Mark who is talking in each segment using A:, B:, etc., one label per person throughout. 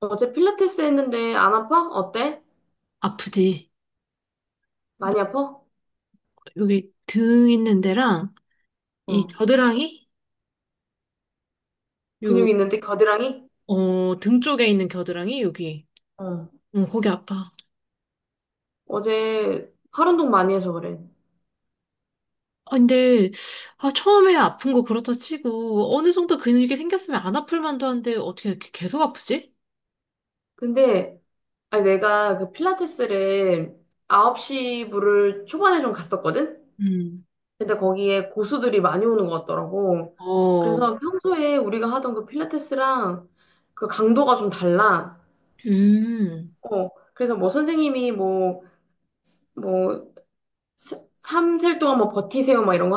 A: 어제 필라테스 했는데 안 아파? 어때?
B: 아프지. 너
A: 많이 아파?
B: 여기 등 있는 데랑 이
A: 어.
B: 겨드랑이
A: 근육
B: 요
A: 있는데 겨드랑이?
B: 어 등 쪽에 있는 겨드랑이 여기
A: 어.
B: 어 거기 아파.
A: 어제 팔 운동 많이 해서 그래.
B: 아 근데 아 처음에 아픈 거 그렇다 치고 어느 정도 근육이 생겼으면 안 아플 만도 한데 어떻게 이렇게 계속 아프지?
A: 근데 아니, 내가 그 필라테스를 9시 부를 초반에 좀 갔었거든?
B: 음,
A: 근데 거기에 고수들이 많이 오는 것 같더라고.
B: 어.
A: 그래서 평소에 우리가 하던 그 필라테스랑 그 강도가 좀 달라.
B: 음.
A: 어. 그래서 뭐 선생님이 뭐뭐 3셀 동안 뭐 버티세요 막 이런 거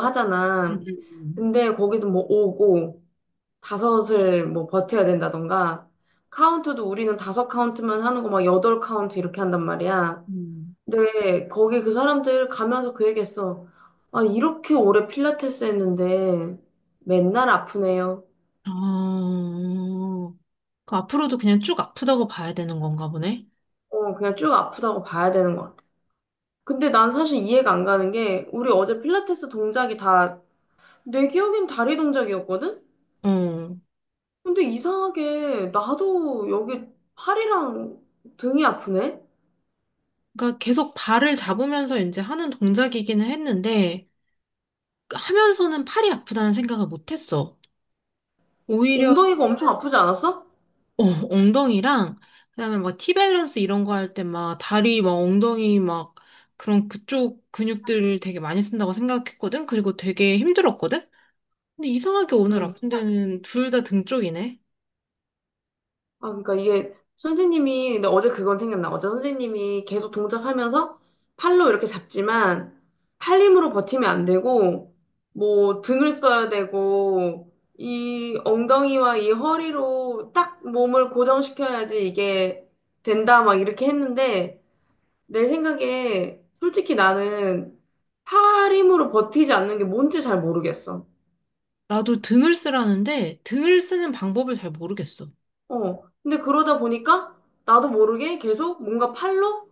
B: 음,
A: 하잖아.
B: 음,
A: 근데 거기도 뭐 5고 다섯을 뭐 버텨야 된다던가 카운트도 우리는 다섯 카운트만 하는 거 막 8 카운트 이렇게 한단 말이야.
B: 음.
A: 근데 거기 그 사람들 가면서 그 얘기했어. 아, 이렇게 오래 필라테스 했는데 맨날 아프네요.
B: 아, 그 앞으로도 그냥 쭉 아프다고 봐야 되는 건가 보네.
A: 어, 그냥 쭉 아프다고 봐야 되는 것 같아. 근데 난 사실 이해가 안 가는 게 우리 어제 필라테스 동작이 다 내 기억엔 다리 동작이었거든?
B: 어.
A: 근데 이상하게 나도 여기 팔이랑 등이 아프네?
B: 그러니까 계속 발을 잡으면서 이제 하는 동작이기는 했는데, 하면서는 팔이 아프다는 생각을 못 했어. 오히려
A: 엉덩이가 엄청 아프지 않았어?
B: 어, 엉덩이랑 그다음에 막 티밸런스 이런 거 할 때 막 다리 막 엉덩이 막 그런 그쪽 근육들을 되게 많이 쓴다고 생각했거든. 그리고 되게 힘들었거든. 근데 이상하게 오늘
A: 응.
B: 아픈 데는 둘 다 등 쪽이네.
A: 아, 그러니까 이게 선생님이, 근데 어제 그건 생각나. 어제 선생님이 계속 동작하면서 팔로 이렇게 잡지만 팔 힘으로 버티면 안 되고, 뭐 등을 써야 되고, 이 엉덩이와 이 허리로 딱 몸을 고정시켜야지 이게 된다, 막 이렇게 했는데, 내 생각에 솔직히 나는 팔 힘으로 버티지 않는 게 뭔지 잘 모르겠어.
B: 나도 등을 쓰라는데 등을 쓰는 방법을 잘 모르겠어.
A: 어. 근데 그러다 보니까 나도 모르게 계속 뭔가 팔로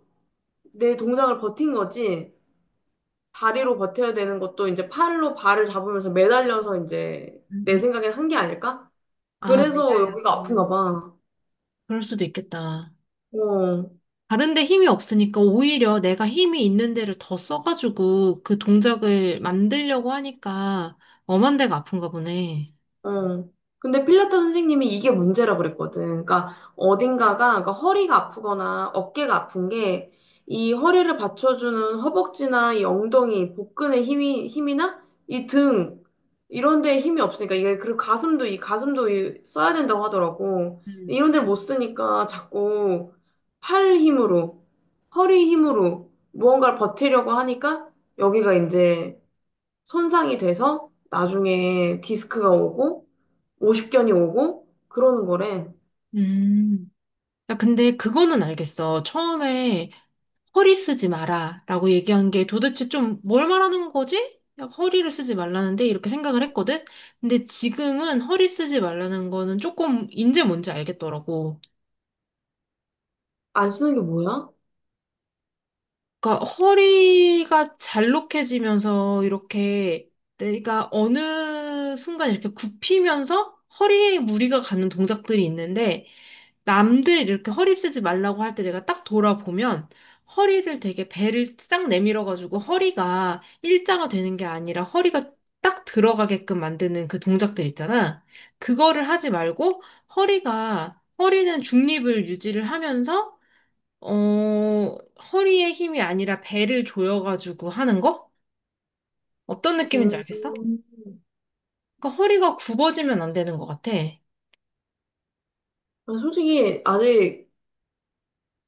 A: 내 동작을 버틴 거지. 다리로 버텨야 되는 것도 이제 팔로 발을 잡으면서 매달려서 이제
B: 음,
A: 내
B: 음.
A: 생각엔 한 게 아닐까?
B: 아,
A: 그래서
B: 매달려서.
A: 여기가 아픈가 봐.
B: 그럴 수도 있겠다.
A: 어.
B: 다른 데 힘이 없으니까 오히려 내가 힘이 있는 데를 더 써가지고 그 동작을 만들려고 하니까 엄한 데가 아픈가 보네.
A: 어. 근데 필라테스 선생님이 이게 문제라 그랬거든. 그러니까 어딘가가 그러니까 허리가 아프거나 어깨가 아픈 게 이 허리를 받쳐주는 허벅지나 이 엉덩이, 복근의 힘이 힘이나 이 등 이런 데에 힘이 없으니까 이게 그리고 가슴도 이 가슴도 이 써야 된다고 하더라고.
B: 음.
A: 이런 데를 못 쓰니까 자꾸 팔 힘으로 허리 힘으로 무언가를 버티려고 하니까 여기가 이제 손상이 돼서 나중에 디스크가 오고 오십견이 오고 그러는 거래.
B: 음. 야, 근데 그거는 알겠어. 처음에 허리 쓰지 마라 라고 얘기한 게 도대체 좀 뭘 말하는 거지? 야, 허리를 쓰지 말라는데 이렇게 생각을 했거든? 근데 지금은 허리 쓰지 말라는 거는 조금 이제 뭔지 알겠더라고.
A: 안 쓰는 게 뭐야?
B: 그러니까 허리가 잘록해지면서 이렇게 내가 어느 순간 이렇게 굽히면서 허리에 무리가 가는 동작들이 있는데 남들 이렇게 허리 쓰지 말라고 할 때 내가 딱 돌아보면 허리를 되게 배를 딱 내밀어 가지고 허리가 일자가 되는 게 아니라 허리가 딱 들어가게끔 만드는 그 동작들 있잖아. 그거를 하지 말고 허리가 허리는 중립을 유지를 하면서 어, 허리에 힘이 아니라 배를 조여가지고 하는 거? 어떤 느낌인지
A: 음,
B: 알겠어? 그러니까 허리가 굽어지면 안 되는 것 같아.
A: 난 솔직히 아직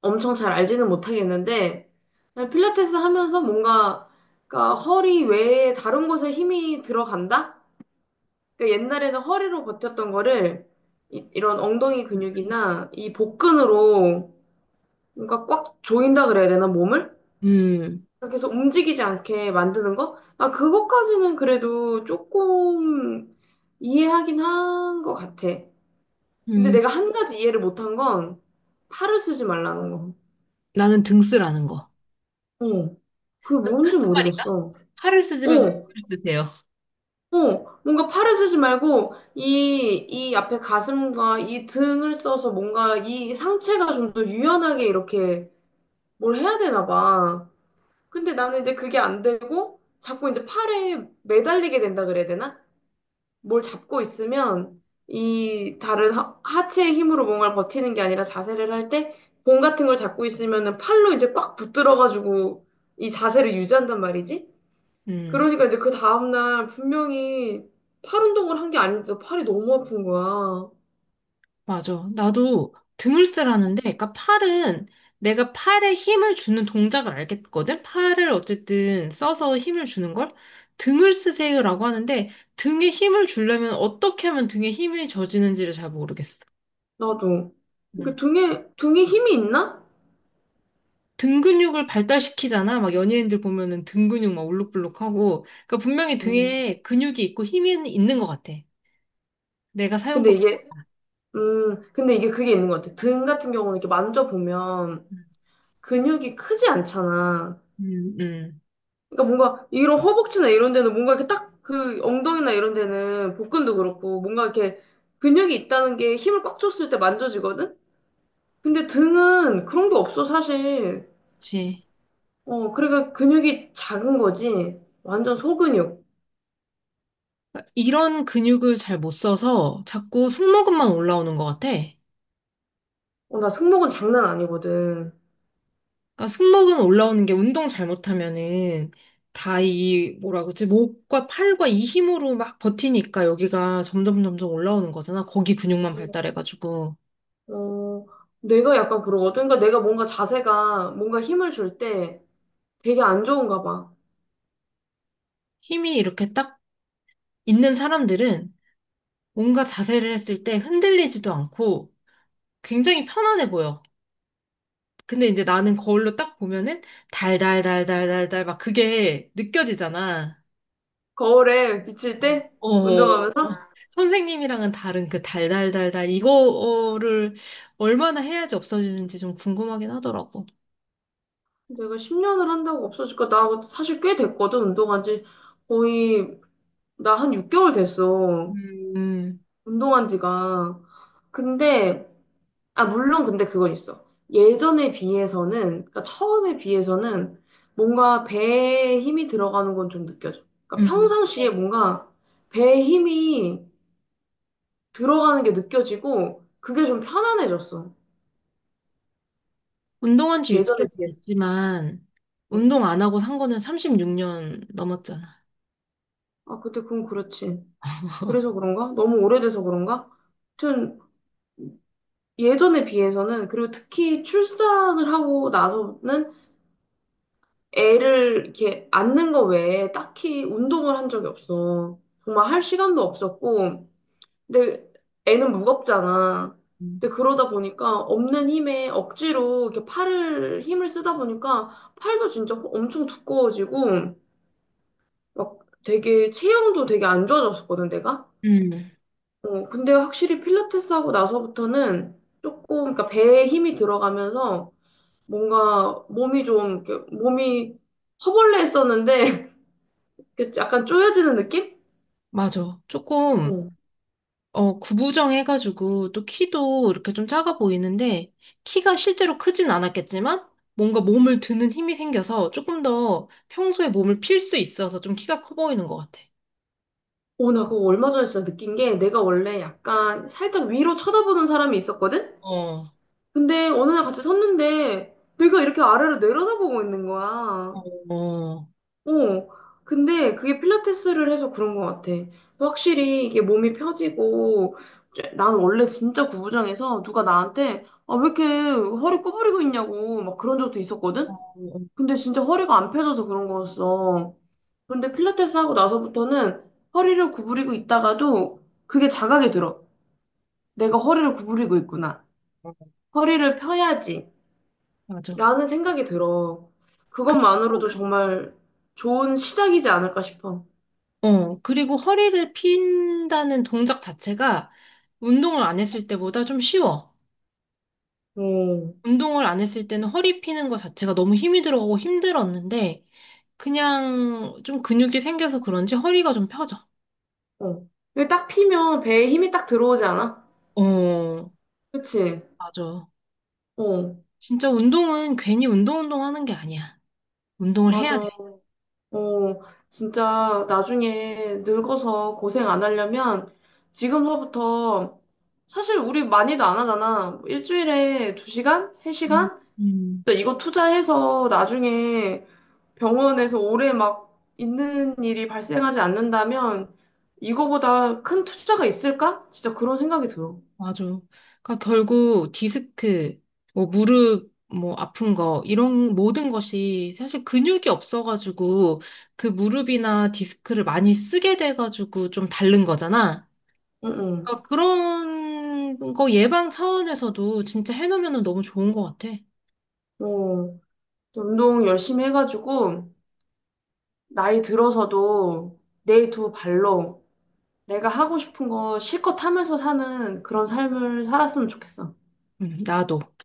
A: 엄청 잘 알지는 못하겠는데 그냥 필라테스 하면서 뭔가 그러니까 허리 외에 다른 곳에 힘이 들어간다? 그러니까 옛날에는 허리로 버텼던 거를 이런 엉덩이 근육이나 이 복근으로 뭔가 꽉 조인다 그래야 되나 몸을?
B: 음,
A: 계속 움직이지 않게 만드는 거? 아, 그것까지는 그래도 조금 이해하긴 한 것 같아. 근데
B: 음,
A: 내가 한 가지 이해를 못 한 건 팔을 쓰지 말라는 거.
B: 나는 등 쓰라는 거.
A: 어, 그게 뭔지
B: 같은 말인가?
A: 모르겠어.
B: 팔을 쓰지 말고 등을
A: 어,
B: 쓰세요.
A: 어, 뭔가 팔을 쓰지 말고 이 앞에 가슴과 이 등을 써서 뭔가 이 상체가 좀 더 유연하게 이렇게 뭘 해야 되나 봐. 근데 나는 이제 그게 안 되고 자꾸 이제 팔에 매달리게 된다 그래야 되나? 뭘 잡고 있으면 이 다른 하체의 힘으로 뭔가를 버티는 게 아니라 자세를 할 때 봉 같은 걸 잡고 있으면은 팔로 이제 꽉 붙들어가지고 이 자세를 유지한단 말이지.
B: 음,
A: 그러니까 이제 그 다음날 분명히 팔 운동을 한 게 아닌데 팔이 너무 아픈 거야.
B: 맞아. 나도 등을 쓰라는데, 그러니까 팔은 내가 팔에 힘을 주는 동작을 알겠거든? 팔을 어쨌든 써서 힘을 주는 걸? 등을 쓰세요라고 하는데, 등에 힘을 주려면 어떻게 하면 등에 힘이 저지는지를 잘 모르겠어.
A: 나도. 이게
B: 음.
A: 등에 힘이 있나?
B: 등 근육을 발달시키잖아. 막 연예인들 보면은 등 근육 막 울룩불룩하고. 그러니까 분명히
A: 음.
B: 등에 근육이 있고 힘이 있는 것 같아. 내가
A: 근데
B: 사용법.
A: 이게, 근데 이게 그게 있는 것 같아. 등 같은 경우는 이렇게 만져보면 근육이 크지 않잖아.
B: 음, 음,
A: 그러니까 뭔가 이런 허벅지나 이런 데는 뭔가 이렇게 딱 그 엉덩이나 이런 데는 복근도 그렇고 뭔가 이렇게 근육이 있다는 게 힘을 꽉 줬을 때 만져지거든? 근데 등은 그런 게 없어, 사실.
B: 그치.
A: 어, 그러니까 근육이 작은 거지. 완전 소근육.
B: 그러니까 이런 근육을 잘 못 써서 자꾸 승모근만 올라오는 것 같아.
A: 어, 나 승모근 장난 아니거든.
B: 그러니까 승모근 올라오는 게 운동 잘못하면은 다 이 뭐라 그러지? 목과 팔과 이 힘으로 막 버티니까 여기가 점점 올라오는 거잖아. 거기 근육만 발달해가지고
A: 어, 내가 약간 그러거든. 그러니까 내가 뭔가 자세가 뭔가 힘을 줄 때 되게 안 좋은가 봐.
B: 힘이 이렇게 딱 있는 사람들은 뭔가 자세를 했을 때 흔들리지도 않고 굉장히 편안해 보여. 근데 이제 나는 거울로 딱 보면은 달달달달달달 막 그게 느껴지잖아.
A: 거울에 비칠
B: 어.
A: 때?
B: 어, 어, 선생님이랑은 다른 그 달달달달 이거를 얼마나 해야지 없어지는지 좀 궁금하긴 하더라고.
A: 내가 10년을 한다고 없어질까? 나 사실 꽤 됐거든, 운동한 지. 거의, 나 한 6개월 됐어.
B: 음,
A: 운동한 지가. 근데, 아, 물론 근데 그건 있어. 예전에 비해서는, 그러니까 처음에 비해서는 뭔가 배에 힘이 들어가는 건 좀 느껴져. 그러니까
B: 음.
A: 평상시에 뭔가 배에 힘이 들어가는 게 느껴지고, 그게 좀 편안해졌어.
B: 운동한 지 육 개
A: 예전에
B: 월
A: 비해서.
B: 됐지만
A: 어,
B: 운동 안 하고 산 거는 36년 넘었잖아.
A: 아, 그때 그건 그렇지. 그래서 그런가? 너무 오래돼서 그런가? 하여튼, 예전에 비해서는 그리고 특히 출산을 하고 나서는 애를 이렇게 안는 거 외에 딱히 운동을 한 적이 없어. 정말 할 시간도 없었고, 근데 애는 무겁잖아.
B: 음.
A: 근데 그러다 보니까 없는 힘에 억지로 이렇게 팔을 힘을 쓰다 보니까 팔도 진짜 엄청 두꺼워지고 막 되게 체형도 되게 안 좋아졌었거든 내가.
B: 음,
A: 어 근데 확실히 필라테스 하고 나서부터는 조금 그러니까 배에 힘이 들어가면서 뭔가 몸이 좀, 이렇게 몸이 허벌레했었는데, 이렇게 약간 쪼여지는 느낌?
B: 맞아. 조금
A: 어.
B: 구부정 해가지고 또 키도 이렇게 좀 작아 보이는데 키가 실제로 크진 않았겠지만 뭔가 몸을 드는 힘이 생겨서 조금 더 평소에 몸을 필 수 있어서 좀 키가 커 보이는 것 같아.
A: 오, 나 그거 얼마 전에 진짜 느낀 게 내가 원래 약간 살짝 위로 쳐다보는 사람이 있었거든?
B: 어,
A: 근데 어느 날 같이 섰는데 내가 이렇게 아래로 내려다보고 있는 거야.
B: 어,
A: 어. 근데 그게 필라테스를 해서 그런 것 같아. 확실히 이게 몸이 펴지고, 난 원래 진짜 구부정해서 누가 나한테 아, 왜 이렇게 허리 구부리고 있냐고 막 그런 적도 있었거든? 근데 진짜 허리가 안 펴져서 그런 거였어. 근데 필라테스 하고 나서부터는 허리를 구부리고 있다가도 그게 자각이 들어. 내가 허리를 구부리고 있구나. 허리를 펴야지.
B: 맞아.
A: 라는 생각이 들어. 그것만으로도
B: 그리고,
A: 정말 좋은 시작이지 않을까 싶어.
B: 그리고 허리를 핀다는 동작 자체가 운동을 안 했을 때보다 좀 쉬워.
A: 어,
B: 운동을 안 했을 때는 허리 피는 거 자체가 너무 힘이 들어가고 힘들었는데 그냥 좀 근육이 생겨서 그런지 허리가 좀 펴져.
A: 어. 이게 딱 피면 배에 힘이 딱 들어오지 않아?
B: 어,
A: 그치?
B: 맞아.
A: 어,
B: 진짜 운동은 괜히 운동 운동 하는 게 아니야. 운동을 해야 돼.
A: 맞아. 어, 진짜 나중에 늙어서 고생 안 하려면 지금서부터 사실 우리 많이도 안 하잖아. 일주일에
B: 음,
A: 2시간 3시간
B: 음.
A: 이거 투자해서 나중에 병원에서 오래 막 있는 일이 발생하지 않는다면 이거보다 큰 투자가 있을까? 진짜 그런 생각이 들어.
B: 맞아. 그러니까 결국 디스크, 뭐 무릎, 뭐 아픈 거 이런 모든 것이 사실 근육이 없어가지고 그 무릎이나 디스크를 많이 쓰게 돼가지고 좀 다른 거잖아.
A: 응,
B: 그러니까 그런 거 예방 차원에서도 진짜 해놓으면 너무 좋은 것 같아.
A: 응. 어, 운동 열심히 해가지고 나이 들어서도 내 두 발로 내가 하고 싶은 거 실컷 하면서 사는 그런 삶을 살았으면 좋겠어.
B: 나도.